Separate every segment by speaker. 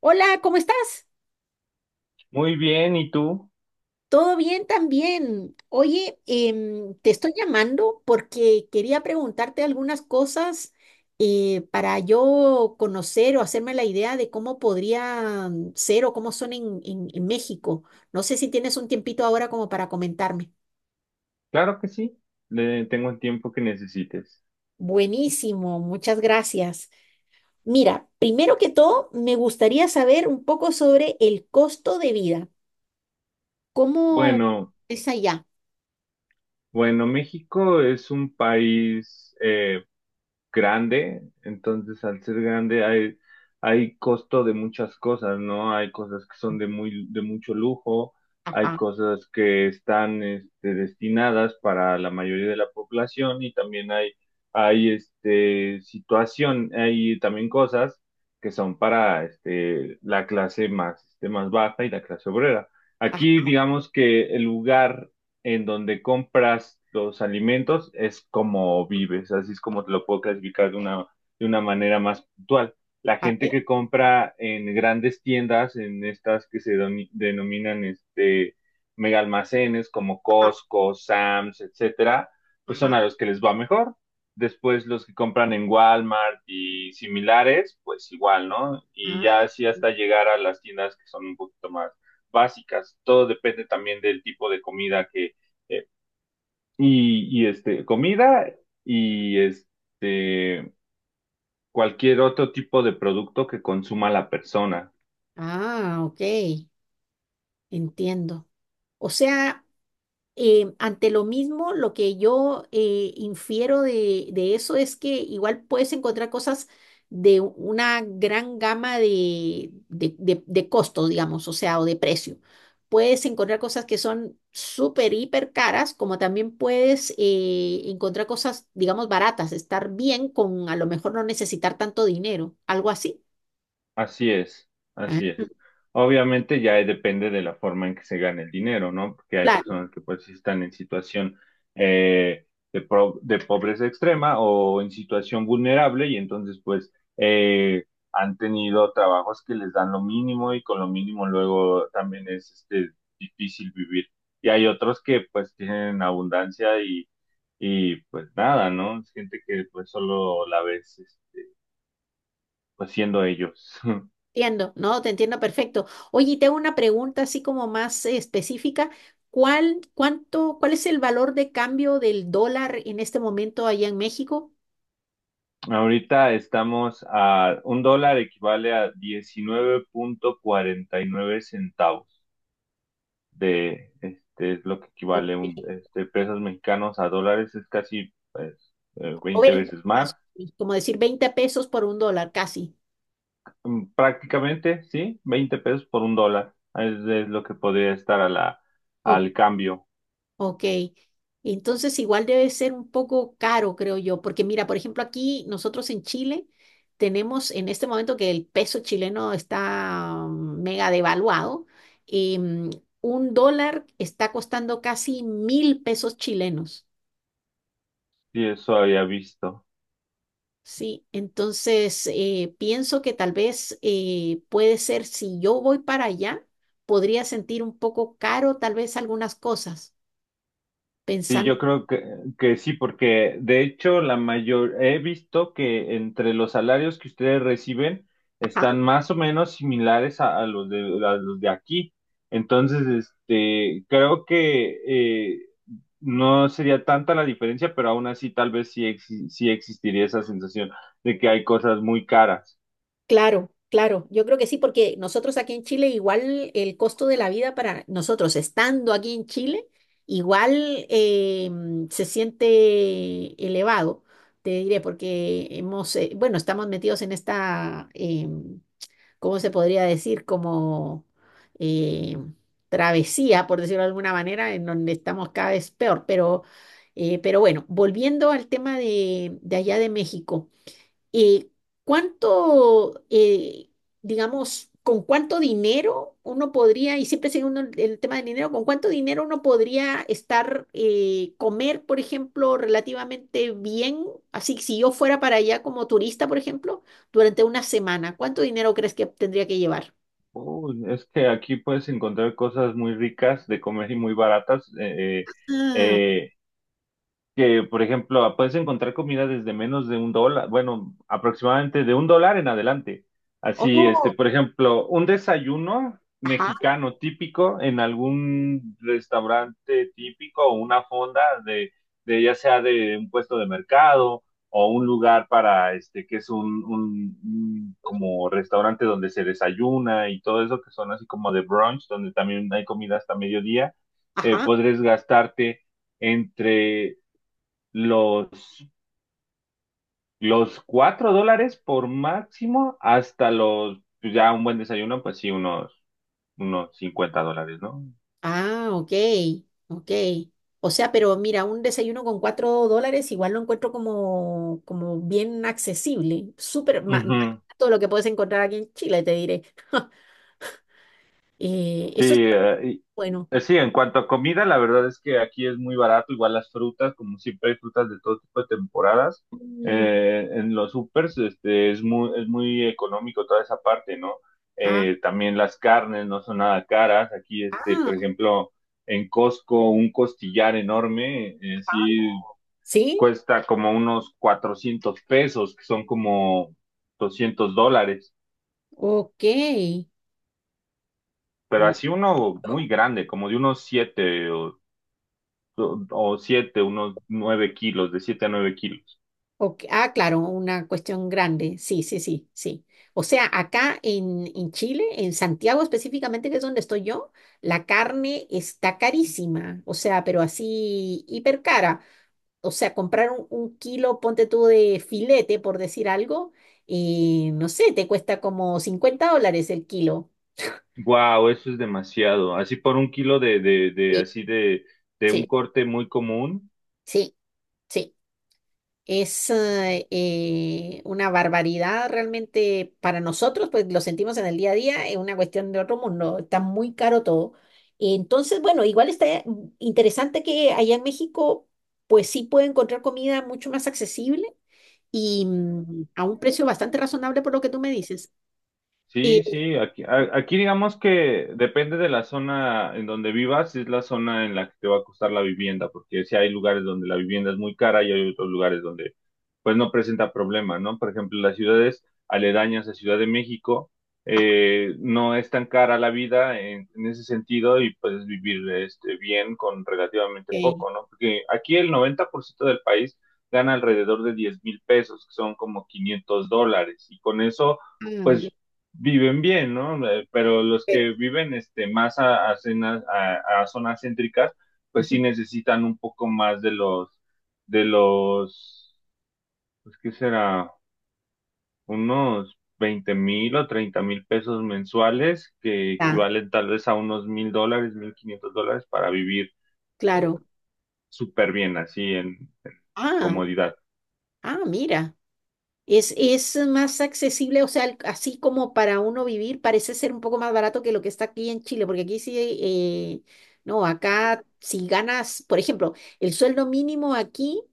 Speaker 1: Hola, ¿cómo estás?
Speaker 2: Muy bien, ¿y tú?
Speaker 1: ¿Todo bien también? Oye, te estoy llamando porque quería preguntarte algunas cosas, para yo conocer o hacerme la idea de cómo podría ser o cómo son en México. No sé si tienes un tiempito ahora como para comentarme.
Speaker 2: Claro que sí, le tengo el tiempo que necesites.
Speaker 1: Buenísimo, muchas gracias. Mira, primero que todo, me gustaría saber un poco sobre el costo de vida. ¿Cómo
Speaker 2: Bueno,
Speaker 1: es allá?
Speaker 2: bueno, México es un país, grande, entonces al ser grande hay costo de muchas cosas, ¿no? Hay cosas que son de mucho lujo, hay
Speaker 1: Ajá,
Speaker 2: cosas que están destinadas para la mayoría de la población y también hay situación, hay también cosas que son para la clase más baja y la clase obrera.
Speaker 1: ajá,
Speaker 2: Aquí digamos que el lugar en donde compras los alimentos es como vives, así es como te lo puedo clasificar de una manera más puntual. La
Speaker 1: a
Speaker 2: gente
Speaker 1: ver,
Speaker 2: que compra en grandes tiendas, en estas que se denominan mega almacenes como
Speaker 1: ajá,
Speaker 2: Costco, Sam's, etcétera, pues
Speaker 1: ajá.
Speaker 2: son a los que les va mejor. Después los que compran en Walmart y similares, pues igual, ¿no? Y
Speaker 1: Ah,
Speaker 2: ya así hasta llegar a las tiendas que son un poquito más básicas. Todo depende también del tipo de comida que, eh, y comida y cualquier otro tipo de producto que consuma la persona.
Speaker 1: ah, ok, entiendo. O sea, ante lo mismo, lo que yo infiero de eso es que igual puedes encontrar cosas de una gran gama de costos, digamos, o sea, o de precio. Puedes encontrar cosas que son súper, hiper caras, como también puedes encontrar cosas, digamos, baratas, estar bien con a lo mejor no necesitar tanto dinero, algo así.
Speaker 2: Así es,
Speaker 1: Ah,
Speaker 2: así es. Obviamente ya depende de la forma en que se gane el dinero, ¿no? Porque hay
Speaker 1: claro.
Speaker 2: personas que pues sí están en situación eh, de pobreza extrema o en situación vulnerable y entonces pues eh, han tenido trabajos que les dan lo mínimo y con lo mínimo luego también es difícil vivir. Y hay otros que pues tienen abundancia y pues nada, ¿no? Es gente que pues solo la ves es, pues siendo ellos.
Speaker 1: Entiendo, no, te entiendo perfecto. Oye, y te hago una pregunta así como más específica. ¿Cuál, cuánto, cuál es el valor de cambio del dólar en este momento allá en México?
Speaker 2: Ahorita estamos a un dólar equivale a 19.49 centavos de este es lo que equivale
Speaker 1: Ok.
Speaker 2: pesos mexicanos a dólares es casi pues,
Speaker 1: O
Speaker 2: 20
Speaker 1: 20
Speaker 2: veces
Speaker 1: más o
Speaker 2: más.
Speaker 1: menos, como decir 20 pesos por un dólar, casi.
Speaker 2: Mm, prácticamente sí 20 pesos por un dólar es lo que podría estar a la al cambio
Speaker 1: Ok, entonces igual debe ser un poco caro, creo yo, porque mira, por ejemplo, aquí nosotros en Chile tenemos en este momento que el peso chileno está mega devaluado, y un dólar está costando casi 1.000 pesos chilenos,
Speaker 2: si eso había visto.
Speaker 1: ¿sí? Entonces, pienso que tal vez puede ser, si yo voy para allá, podría sentir un poco caro tal vez algunas cosas,
Speaker 2: Sí,
Speaker 1: pensando.
Speaker 2: yo creo que sí, porque de hecho he visto que entre los salarios que ustedes reciben están más o menos similares a los de aquí. Entonces, creo que eh, no sería tanta la diferencia, pero aún así tal vez sí, sí existiría esa sensación de que hay cosas muy caras.
Speaker 1: Claro, claro, yo creo que sí, porque nosotros aquí en Chile igual el costo de la vida para nosotros estando aquí en Chile igual se siente elevado, te diré, porque hemos, bueno, estamos metidos en esta, ¿cómo se podría decir? Como eh, travesía, por decirlo de alguna manera, en donde estamos cada vez peor, pero bueno, volviendo al tema de allá de México, eh, ¿cuánto, digamos, con cuánto dinero uno podría, y siempre sigue uno el tema del dinero, con cuánto dinero uno podría estar, comer, por ejemplo, relativamente bien? Así, que si yo fuera para allá como turista, por ejemplo, durante una semana, ¿cuánto dinero crees que tendría que llevar?
Speaker 2: Uy, es que aquí puedes encontrar cosas muy ricas de comer y muy baratas.
Speaker 1: Ah,
Speaker 2: Eh, que, por ejemplo, puedes encontrar comida desde menos de un dólar, bueno, aproximadamente de un dólar en adelante. Así,
Speaker 1: oh,
Speaker 2: por ejemplo, un desayuno
Speaker 1: ajá,
Speaker 2: mexicano típico en algún restaurante típico o una fonda de ya sea de un puesto de mercado o un lugar para que es un como restaurante donde se desayuna y todo eso, que son así como de brunch, donde también hay comida hasta mediodía,
Speaker 1: ajá.
Speaker 2: podrías gastarte entre los, los $4 por máximo hasta los, pues, ya un buen desayuno, pues sí, unos $50, ¿no?
Speaker 1: Ah, ok, ok. O sea, pero mira, un desayuno con $4 igual lo encuentro como bien accesible, súper más
Speaker 2: Ujú.
Speaker 1: todo lo que puedes encontrar aquí en Chile, te diré.
Speaker 2: Sí,
Speaker 1: Eso es bueno.
Speaker 2: sí, en cuanto a comida, la verdad es que aquí es muy barato, igual las frutas, como siempre hay frutas de todo tipo de temporadas,
Speaker 1: Mm,
Speaker 2: en los supers, es muy económico toda esa parte, ¿no?
Speaker 1: ah,
Speaker 2: También las carnes no son nada caras, aquí, por
Speaker 1: ah,
Speaker 2: ejemplo, en Costco, un costillar enorme, sí
Speaker 1: ¿sí?
Speaker 2: cuesta como unos 400 pesos, que son como $200,
Speaker 1: Ok.
Speaker 2: pero
Speaker 1: Uh,
Speaker 2: así uno muy grande, como de unos 7 o siete, unos nueve kilos, de 7 a 9 kilos.
Speaker 1: ok, ah, claro, una cuestión grande. Sí, sí, sí, sí. O sea, acá en Chile, en Santiago específicamente, que es donde estoy yo, la carne está carísima. O sea, pero así hiper cara. O sea, comprar un kilo, ponte tú de filete, por decir algo, y no sé, te cuesta como $50 el kilo.
Speaker 2: Wow, eso es demasiado. Así por un kilo de, de, de,
Speaker 1: Sí,
Speaker 2: así de, de
Speaker 1: sí,
Speaker 2: un corte muy común.
Speaker 1: sí, sí. Es una barbaridad realmente para nosotros, pues lo sentimos en el día a día, es una cuestión de otro mundo, está muy caro todo. Entonces, bueno, igual está interesante que allá en México pues sí puede encontrar comida mucho más accesible y a un precio bastante razonable por lo que tú me dices. Eh,
Speaker 2: Sí, sí, aquí, aquí digamos que depende de la zona en donde vivas, es la zona en la que te va a costar la vivienda, porque si hay lugares donde la vivienda es muy cara y hay otros lugares donde pues no presenta problema, ¿no? Por ejemplo, las ciudades aledañas a Ciudad de México,
Speaker 1: ah,
Speaker 2: no es tan cara la vida en ese sentido y puedes vivir bien con relativamente
Speaker 1: ok.
Speaker 2: poco, ¿no? Porque aquí el 90% del país gana alrededor de 10,000 pesos, que son como $500, y con eso
Speaker 1: Ah, ya,
Speaker 2: pues viven bien, ¿no? Pero los que
Speaker 1: ok.
Speaker 2: viven más a zonas céntricas, pues sí necesitan un poco más de los, pues qué será, unos 20,000 o 30,000 pesos mensuales, que
Speaker 1: Ya,
Speaker 2: equivalen tal vez a unos $1,000, $1,500 para vivir eh,
Speaker 1: claro.
Speaker 2: súper bien, así en
Speaker 1: Ah,
Speaker 2: comodidad.
Speaker 1: ah, mira. Es más accesible, o sea, así como para uno vivir, parece ser un poco más barato que lo que está aquí en Chile, porque aquí sí, eh, no, acá si ganas, por ejemplo, el sueldo mínimo aquí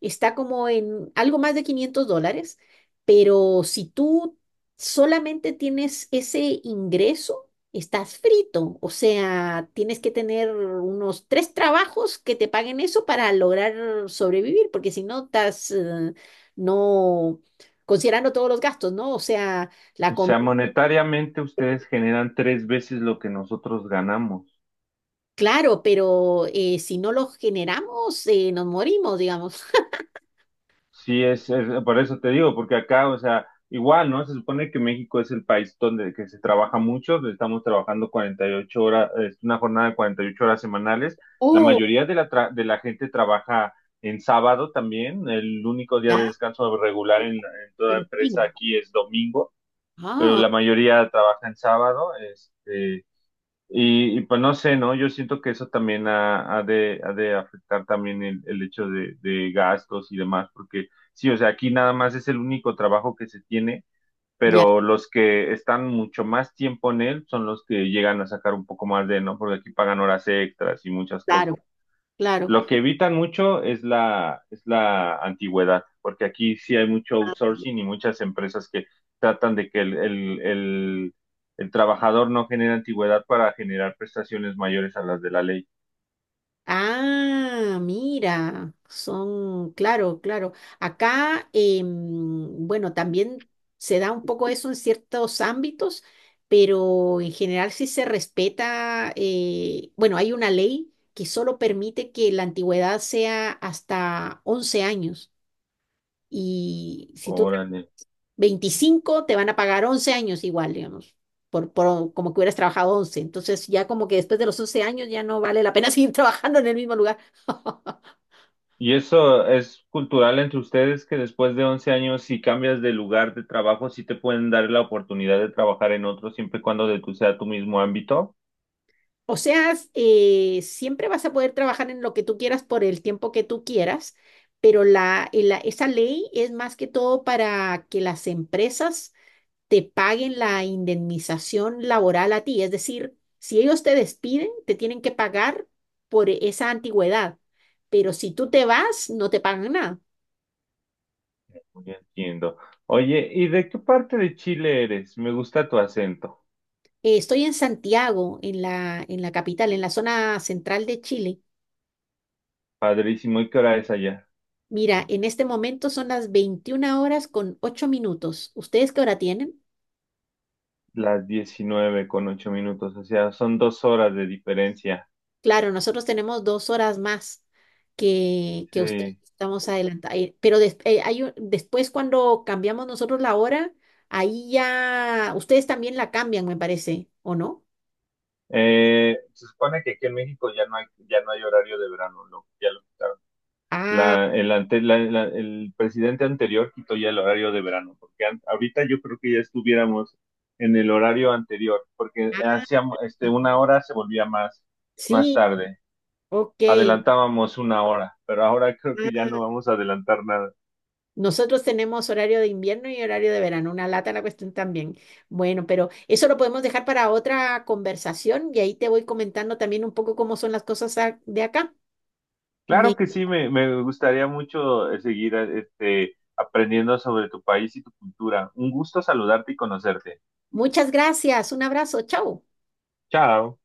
Speaker 1: está como en algo más de $500, pero si tú solamente tienes ese ingreso, estás frito, o sea, tienes que tener unos tres trabajos que te paguen eso para lograr sobrevivir, porque si no, estás… no, considerando todos los gastos, ¿no? O sea, la
Speaker 2: O
Speaker 1: comida,
Speaker 2: sea, monetariamente ustedes generan 3 veces lo que nosotros ganamos.
Speaker 1: claro, pero si no los generamos, nos morimos, digamos.
Speaker 2: Sí, por eso te digo, porque acá, o sea, igual, ¿no? Se supone que México es el país donde que se trabaja mucho, estamos trabajando 48 horas, es una jornada de 48 horas semanales. La
Speaker 1: Oh,
Speaker 2: mayoría de la gente trabaja en sábado también, el único día de
Speaker 1: claro,
Speaker 2: descanso regular en toda
Speaker 1: el
Speaker 2: empresa
Speaker 1: pino.
Speaker 2: aquí es domingo, pero
Speaker 1: Ah,
Speaker 2: la mayoría trabaja en sábado, pues no sé, ¿no? Yo siento que eso también ha de afectar también el hecho de gastos y demás, porque sí, o sea, aquí nada más es el único trabajo que se tiene,
Speaker 1: ya,
Speaker 2: pero los que están mucho más tiempo en él son los que llegan a sacar un poco más de, ¿no? Porque aquí pagan horas extras y muchas cosas.
Speaker 1: claro, claro.
Speaker 2: Lo que evitan mucho es la antigüedad, porque aquí sí hay mucho outsourcing y muchas empresas que tratan de que el trabajador no genere antigüedad para generar prestaciones mayores a las de la ley.
Speaker 1: Ah, mira, son, claro, claro. Acá, bueno, también se da un poco eso en ciertos ámbitos, pero en general sí se respeta, bueno, hay una ley que solo permite que la antigüedad sea hasta 11 años. Y si tú
Speaker 2: Órale.
Speaker 1: 25, te van a pagar 11 años igual, digamos, por como que hubieras trabajado 11. Entonces ya como que después de los 11 años ya no vale la pena seguir trabajando en el mismo lugar.
Speaker 2: ¿Y eso es cultural entre ustedes que después de 11 años, si cambias de lugar de trabajo, sí te pueden dar la oportunidad de trabajar en otro siempre y cuando de tu sea tu mismo ámbito?
Speaker 1: O sea, siempre vas a poder trabajar en lo que tú quieras por el tiempo que tú quieras, pero esa ley es más que todo para que las empresas te paguen la indemnización laboral a ti. Es decir, si ellos te despiden, te tienen que pagar por esa antigüedad, pero si tú te vas, no te pagan nada.
Speaker 2: Ya entiendo. Oye, ¿y de qué parte de Chile eres? Me gusta tu acento.
Speaker 1: Estoy en Santiago, en la capital, en la zona central de Chile.
Speaker 2: Padrísimo. ¿Y qué hora es allá?
Speaker 1: Mira, en este momento son las 21:08. ¿Ustedes qué hora tienen?
Speaker 2: Las 19:08, o sea, son 2 horas de diferencia.
Speaker 1: Claro, nosotros tenemos 2 horas más que ustedes,
Speaker 2: Sí.
Speaker 1: estamos adelantados. Pero después cuando cambiamos nosotros la hora, ahí ya ustedes también la cambian, me parece, ¿o no?
Speaker 2: Se supone que aquí en México ya no hay horario de verano, ¿no? Ya lo quitaron.
Speaker 1: Ah,
Speaker 2: La, el, ante- la- la- el presidente anterior quitó ya el horario de verano, porque ahorita yo creo que ya estuviéramos en el horario anterior, porque
Speaker 1: ah,
Speaker 2: hacíamos, una hora se volvía más, más
Speaker 1: sí,
Speaker 2: tarde.
Speaker 1: ok.
Speaker 2: Adelantábamos una hora, pero ahora creo que ya
Speaker 1: Ah,
Speaker 2: no vamos a adelantar nada.
Speaker 1: nosotros tenemos horario de invierno y horario de verano, una lata la cuestión también. Bueno, pero eso lo podemos dejar para otra conversación y ahí te voy comentando también un poco cómo son las cosas de acá.
Speaker 2: Claro
Speaker 1: Me-
Speaker 2: que sí, me gustaría mucho seguir aprendiendo sobre tu país y tu cultura. Un gusto saludarte y conocerte.
Speaker 1: muchas gracias, un abrazo, chao.
Speaker 2: Chao.